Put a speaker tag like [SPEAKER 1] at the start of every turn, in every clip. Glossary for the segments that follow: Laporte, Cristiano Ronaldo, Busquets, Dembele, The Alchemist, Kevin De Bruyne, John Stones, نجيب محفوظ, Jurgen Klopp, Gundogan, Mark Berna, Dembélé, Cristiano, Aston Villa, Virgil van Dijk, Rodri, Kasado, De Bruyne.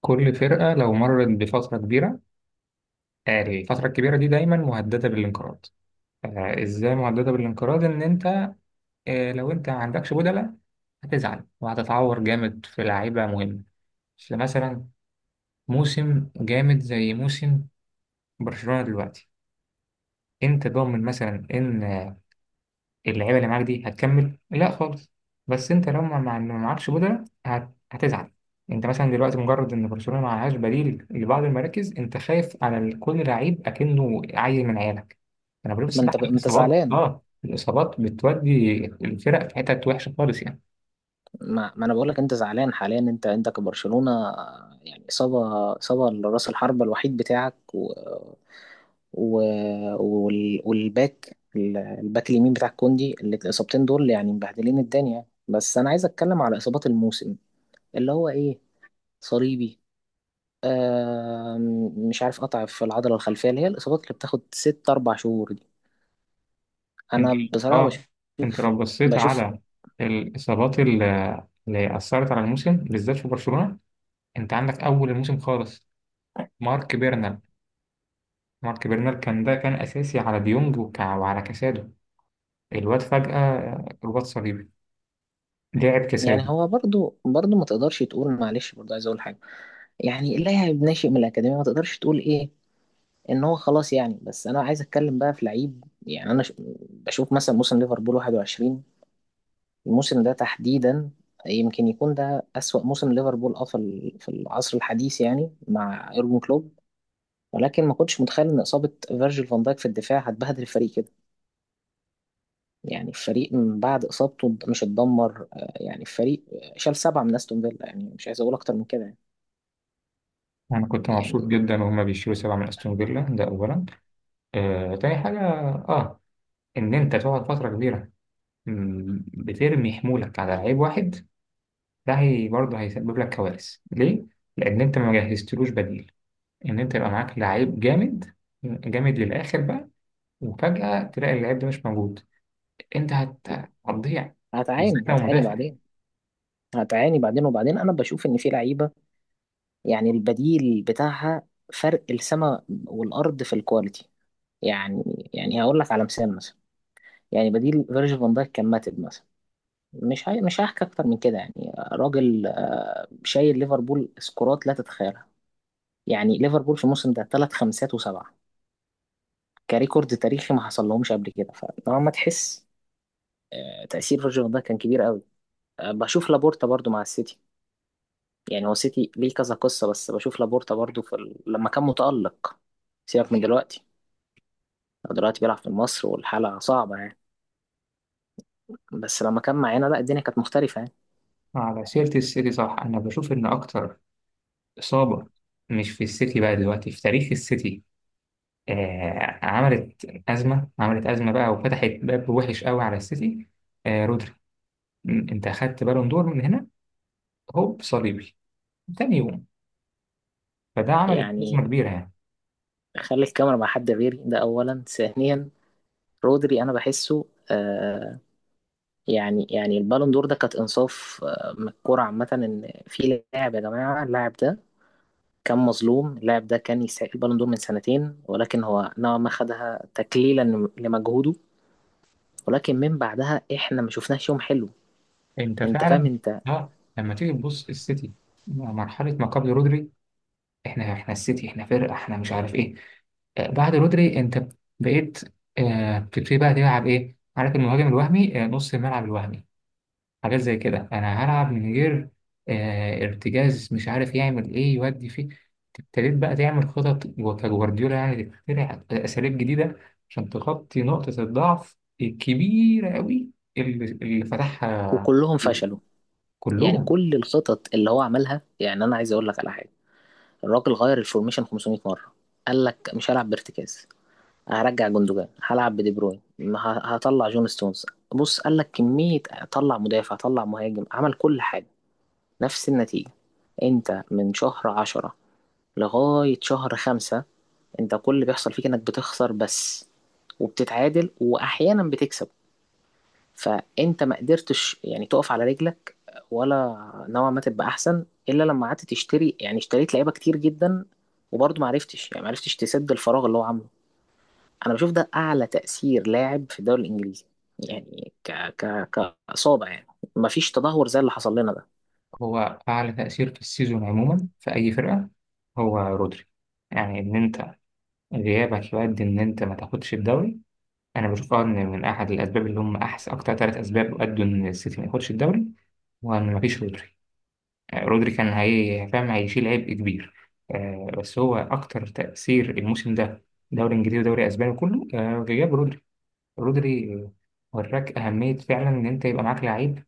[SPEAKER 1] كل فرقة لو مرت بفترة كبيرة، الفترة الكبيرة دي دايما مهددة بالانقراض. إزاي مهددة بالانقراض؟ إن أنت لو أنت ما عندكش بدلة، هتزعل وهتتعور جامد في لعيبة مهمة. فمثلا موسم جامد زي موسم برشلونة دلوقتي، أنت ضامن مثلا إن اللعيبه اللي معاك دي هتكمل؟ لا خالص. بس انت لو ما معكش بدلة هتزعل. انت مثلا دلوقتي مجرد ان برشلونه ما معهاش بديل لبعض المراكز، انت خايف على كل لعيب اكنه عيل من عيالك. انا بقول
[SPEAKER 2] ما انت
[SPEAKER 1] الصراحه
[SPEAKER 2] ما انت
[SPEAKER 1] الاصابات
[SPEAKER 2] زعلان.
[SPEAKER 1] اه الاصابات بتودي الفرق في حتت وحشه خالص يعني.
[SPEAKER 2] ما انا بقول لك انت زعلان حاليا. انت كبرشلونة يعني اصابة لراس الحربة الوحيد بتاعك و... و... وال... والباك الباك اليمين بتاع كوندي، اللي الاصابتين دول يعني مبهدلين الدنيا. بس انا عايز اتكلم على اصابات الموسم، اللي هو ايه، صليبي، مش عارف، قطع في العضلة الخلفية، اللي هي الاصابات اللي بتاخد ست اربع شهور دي.
[SPEAKER 1] انت،
[SPEAKER 2] انا بصراحة
[SPEAKER 1] اه انت
[SPEAKER 2] بشوف
[SPEAKER 1] لو بصيت
[SPEAKER 2] بشوف
[SPEAKER 1] على الاصابات اللي اثرت على الموسم بالذات في برشلونه، انت عندك اول الموسم خالص، مارك بيرنا، مارك برنر، كان ده كان أساسي على ديونج وعلى كاسادو. الواد فجأة رباط صليبي، لعب
[SPEAKER 2] يعني.
[SPEAKER 1] كاسادو.
[SPEAKER 2] هو برضو برضو ما تقدرش تقول معلش، برضو عايز اقول حاجه. يعني اللاعب ناشئ من الاكاديميه، ما تقدرش تقول ايه ان هو خلاص يعني. بس انا عايز اتكلم بقى في لعيب. يعني بشوف مثلا موسم ليفربول 21، الموسم ده تحديدا، يمكن يكون ده اسوأ موسم ليفربول اه في العصر الحديث يعني، مع يورجن كلوب. ولكن ما كنتش متخيل ان اصابه فيرجيل فان دايك في الدفاع هتبهدل الفريق كده. يعني الفريق من بعد اصابته مش اتدمر يعني الفريق شال سبعه من استون فيلا، يعني مش عايز اقول اكتر من كده يعني.
[SPEAKER 1] أنا كنت مبسوط
[SPEAKER 2] يعني
[SPEAKER 1] جدا وهما بيشيلوا 7 من أستون فيلا، ده أولا. تاني حاجة، آه إن أنت تقعد فترة كبيرة، بترمي حمولك على لعيب واحد، ده هي برضه هيسبب لك كوارث. ليه؟ لأن أنت ما جهزتلوش بديل. إن أنت يبقى معاك لعيب جامد، جامد للآخر بقى، وفجأة تلاقي اللعيب ده مش موجود، أنت هتضيع. بالذات
[SPEAKER 2] هتعاني
[SPEAKER 1] لو
[SPEAKER 2] هتعاني
[SPEAKER 1] مدافع.
[SPEAKER 2] بعدين. هتعاني بعدين، وبعدين انا بشوف ان في لعيبه، يعني البديل بتاعها فرق السماء والارض في الكواليتي. يعني هقول لك على مثال مثلا. يعني بديل فيرجيل فان دايك كان ماتب مثلا. مش هحكي اكتر من كده يعني. راجل شايل ليفربول، سكورات لا تتخيلها. يعني ليفربول في الموسم ده ثلاث خمسات وسبعه، كريكورد تاريخي ما حصل لهمش قبل كده. فطالما تحس تاثير فيرجيل فان دايك كان كبير قوي. بشوف لابورتا برضو مع السيتي. يعني هو سيتي ليه كذا قصة، بس بشوف لابورتا برضو لما كان متألق. سيبك من دلوقتي، هو دلوقتي بيلعب في مصر والحالة صعبة يعني. بس لما كان معانا، لا الدنيا كانت مختلفة يعني.
[SPEAKER 1] على سيرة السيتي، صح، أنا بشوف إن أكتر إصابة، مش في السيتي بقى دلوقتي، في تاريخ السيتي، عملت أزمة، عملت أزمة بقى وفتحت باب وحش قوي على السيتي. آه، رودري. أنت أخدت بالون دور من هنا، هوب صليبي تاني يوم. فده عمل أزمة
[SPEAKER 2] يعني
[SPEAKER 1] كبيرة يعني.
[SPEAKER 2] خلي الكاميرا مع حد غيري، ده أولا. ثانيا، رودري، أنا بحسه. آه، يعني البالون دور ده كانت إنصاف من الكورة عامة، إن في لاعب يا جماعة، اللاعب ده كان مظلوم، اللاعب ده كان يستحق البالون دور من سنتين، ولكن هو نوعا ما خدها تكليلا لمجهوده. ولكن من بعدها احنا ما شفناش يوم حلو.
[SPEAKER 1] أنت
[SPEAKER 2] انت فاهم
[SPEAKER 1] فعلا،
[SPEAKER 2] انت.
[SPEAKER 1] آه، لما تيجي تبص السيتي، مرحلة ما قبل رودري، احنا السيتي، احنا فرقه، احنا مش عارف ايه. بعد رودري انت بقيت، بتبتدي بقى تلعب ايه، عارف، المهاجم الوهمي، نص الملعب الوهمي، حاجات زي كده، انا هلعب من غير ارتجاز، مش عارف يعمل ايه يودي فيه. ابتديت بقى تعمل خطط كجوارديولا، يعني تخترع اساليب جديده عشان تغطي نقطه الضعف الكبيره قوي اللي فتحها
[SPEAKER 2] وكلهم
[SPEAKER 1] رودري.
[SPEAKER 2] فشلوا. يعني
[SPEAKER 1] كلهم.
[SPEAKER 2] كل الخطط اللي هو عملها، يعني انا عايز اقول لك على حاجه. الراجل غير الفورميشن 500 مره. قال لك مش هلعب بارتكاز، هرجع جندوجان، هلعب بدي بروين، هطلع جون ستونز. بص قال لك كميه، طلع مدافع، طلع مهاجم، عمل كل حاجه، نفس النتيجه. انت من شهر عشرة لغايه شهر خمسة، انت كل اللي بيحصل فيك انك بتخسر بس، وبتتعادل، واحيانا بتكسب. فانت ما قدرتش يعني تقف على رجلك، ولا نوعا ما تبقى احسن، الا لما قعدت تشتري. يعني اشتريت لعيبه كتير جدا، وبرضه ما عرفتش يعني، ما عرفتش تسد الفراغ اللي هو عامله. انا بشوف ده اعلى تاثير لاعب في الدوري الانجليزي، يعني ك كاصابه يعني. ما فيش تدهور زي اللي حصل لنا ده.
[SPEAKER 1] هو أعلى تأثير في السيزون عموما في أي فرقة هو رودري. يعني إن أنت غيابك يؤدي إن أنت ما تاخدش الدوري. أنا بشوف أه إن من أحد الأسباب اللي هم أحسن أكتر ثلاث أسباب أدوا إن السيتي ما ياخدش الدوري هو إن مفيش رودري. رودري كان هي فاهم هيشيل عبء كبير. بس هو أكتر تأثير الموسم ده، دوري إنجليزي ودوري أسباني كله، غياب رودري. رودري، وراك أهمية فعلا إن أنت يبقى معاك لعيب.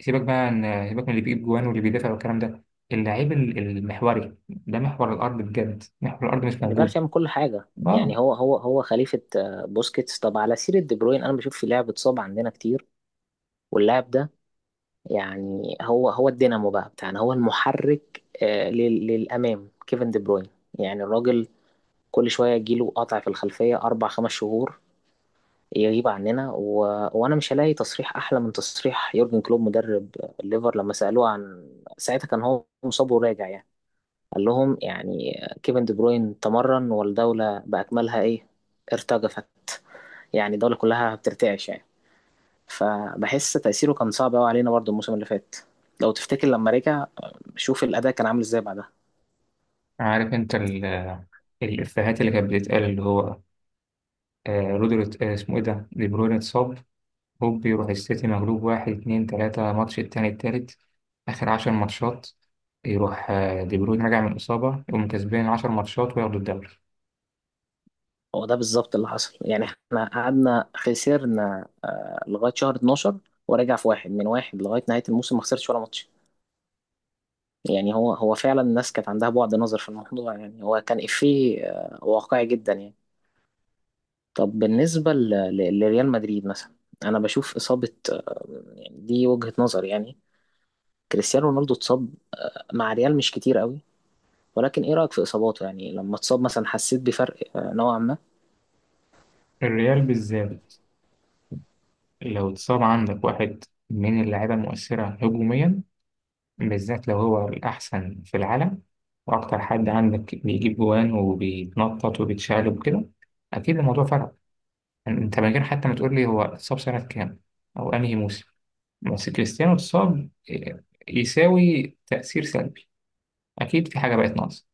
[SPEAKER 1] سيبك بقى عن، سيبك من اللي بيجيب جوان واللي بيدافع والكلام ده. اللعيب المحوري ده محور الارض بجد، محور الارض مش موجود.
[SPEAKER 2] ديبارتي يعمل كل حاجه.
[SPEAKER 1] اه،
[SPEAKER 2] يعني هو خليفه بوسكيتس. طب على سيره دي بروين، انا بشوف في لاعب اتصاب عندنا كتير، واللاعب ده يعني هو الدينامو بقى بتاعنا، هو المحرك للأمام، كيفن دي بروين. يعني الراجل كل شوية يجيله قطع في الخلفية، أربع خمس شهور يغيب عننا وأنا مش هلاقي تصريح أحلى من تصريح يورجن كلوب، مدرب الليفر، لما سألوه عن، ساعتها كان هو مصاب وراجع يعني، قال لهم يعني كيفن دي بروين تمرن، والدولة بأكملها إيه، ارتجفت. يعني الدولة كلها بترتعش يعني. فبحس تأثيره كان صعب قوي علينا برضه الموسم اللي فات. لو تفتكر لما رجع، شوف الأداء كان عامل ازاي بعدها.
[SPEAKER 1] عارف انت الافيهات اللي كانت بتتقال، اللي هو آه رودري، آه اسمه ايه ده، دي بروين اتصاب، هوب يروح السيتي مغلوب واحد اتنين تلاتة ماتش، التاني التالت اخر 10 ماتشات، يروح آه دي بروين راجع من الاصابة يقوم كسبان 10 ماتشات وياخدوا الدوري.
[SPEAKER 2] هو ده بالظبط اللي حصل. يعني احنا قعدنا خسرنا لغاية شهر 12، ورجع في واحد من واحد لغاية نهاية الموسم، ما خسرش ولا ماتش. يعني هو فعلا الناس كانت عندها بعد نظر في الموضوع. يعني هو كان إفيه واقعي جدا يعني. طب بالنسبة لريال مدريد مثلا، أنا بشوف إصابة يعني دي وجهة نظر يعني، كريستيانو رونالدو اتصاب مع ريال مش كتير قوي، ولكن ايه رأيك في اصاباته؟ يعني لما اتصاب مثلا حسيت بفرق نوعا ما.
[SPEAKER 1] الريال بالذات لو اتصاب عندك واحد من اللعيبة المؤثرة هجوميا، بالذات لو هو الأحسن في العالم وأكتر حد عندك بيجيب جوان وبيتنطط وبيتشقلب وكده، أكيد الموضوع فرق. يعني أنت من غير حتى ما تقول لي هو اتصاب سنة كام أو أنهي موسم، بس كريستيانو اتصاب إيه، يساوي تأثير سلبي، أكيد في حاجة بقت ناقصة.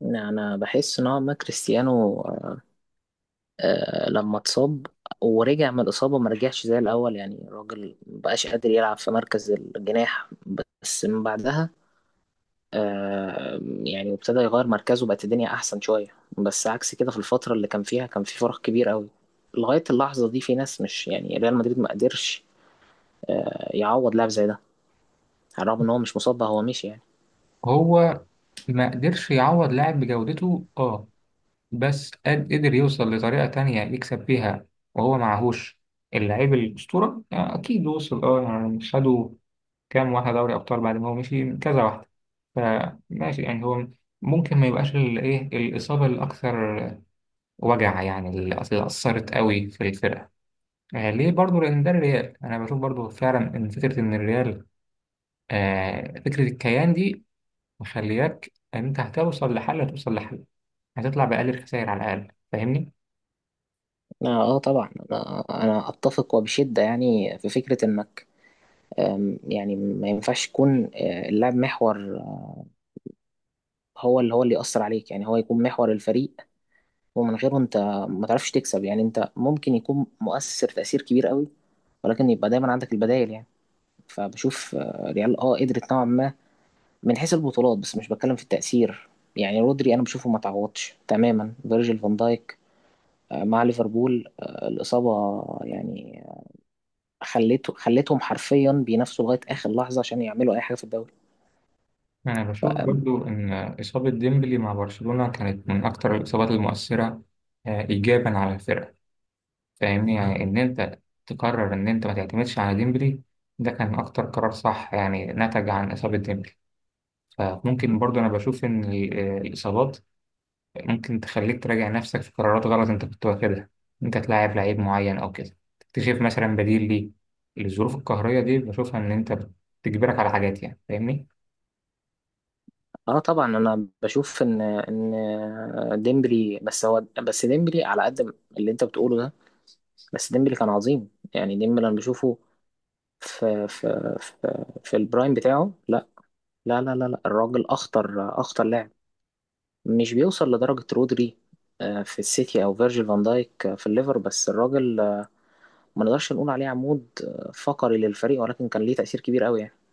[SPEAKER 2] يعني انا بحس نوعا ما كريستيانو لما اتصاب ورجع من الإصابة ما رجعش زي الأول. يعني الراجل مبقاش قادر يلعب في مركز الجناح، بس من بعدها يعني ابتدى يغير مركزه، بقت الدنيا أحسن شوية. بس عكس كده، في الفترة اللي كان فيها كان في فرق كبير قوي. لغاية اللحظة دي في ناس مش، يعني ريال مدريد ما قدرش يعوض لاعب زي ده، على الرغم إن هو مش مصاب بقى، هو مشي يعني.
[SPEAKER 1] هو ما قدرش يعوض لاعب بجودته أه، بس قدر يوصل لطريقة تانية يكسب بيها، وهو معهوش اللاعب الأسطورة، أكيد وصل أه، يعني خدوا كام واحدة دوري أبطال بعد ما هو مشي كذا واحدة. فماشي يعني هو ممكن ما يبقاش الإيه، الإصابة الأكثر وجع، يعني اللي أثرت قوي في الفرقة. آه ليه برضو؟ لأن ده الريال. أنا بشوف برضو فعلا إن فكرة إن الريال، آه، فكرة الكيان دي، مخلياك إن أنت هتوصل لحل، هتوصل لحل، هتطلع بأقل الخسائر على الأقل. فاهمني؟
[SPEAKER 2] اه طبعا انا اتفق وبشده. يعني في فكره انك يعني ما ينفعش يكون اللاعب محور، هو اللي يأثر عليك. يعني هو يكون محور الفريق ومن غيره انت ما تعرفش تكسب. يعني انت ممكن يكون مؤثر تأثير كبير قوي، ولكن يبقى دايما عندك البدائل يعني. فبشوف ريال اه قدرت نوعا ما من حيث البطولات، بس مش بتكلم في التأثير. يعني رودري انا بشوفه ما تعوضش تماما فيرجيل فان دايك مع ليفربول. الإصابة يعني خليتهم حرفيا بينافسوا لغايه اخر لحظه عشان يعملوا اي حاجه في الدوري.
[SPEAKER 1] أنا بشوف برضو إن إصابة ديمبلي مع برشلونة كانت من أكثر الإصابات المؤثرة، آه، إيجابا على الفرقة. فاهمني؟ يعني إن أنت تقرر إن أنت ما تعتمدش على ديمبلي، ده كان أكتر قرار صح يعني نتج عن إصابة ديمبلي. فممكن برضه أنا بشوف إن الإصابات ممكن تخليك تراجع نفسك في قرارات غلط أنت كنت واخدها، أنت تلاعب لعيب معين أو كده تكتشف مثلا بديل ليه. الظروف القهرية دي بشوفها إن أنت بتجبرك على حاجات، يعني فاهمني.
[SPEAKER 2] اه طبعا انا بشوف ان ديمبلي، بس هو بس ديمبلي على قد اللي انت بتقوله ده، بس ديمبلي كان عظيم. يعني ديمبلي انا بشوفه في البرايم بتاعه، لا لا. الراجل اخطر لاعب، مش بيوصل لدرجه رودري في السيتي، او فيرجيل فان دايك في الليفر. بس الراجل ما نقدرش نقول عليه عمود فقري للفريق، ولكن كان ليه تأثير كبير قوي يعني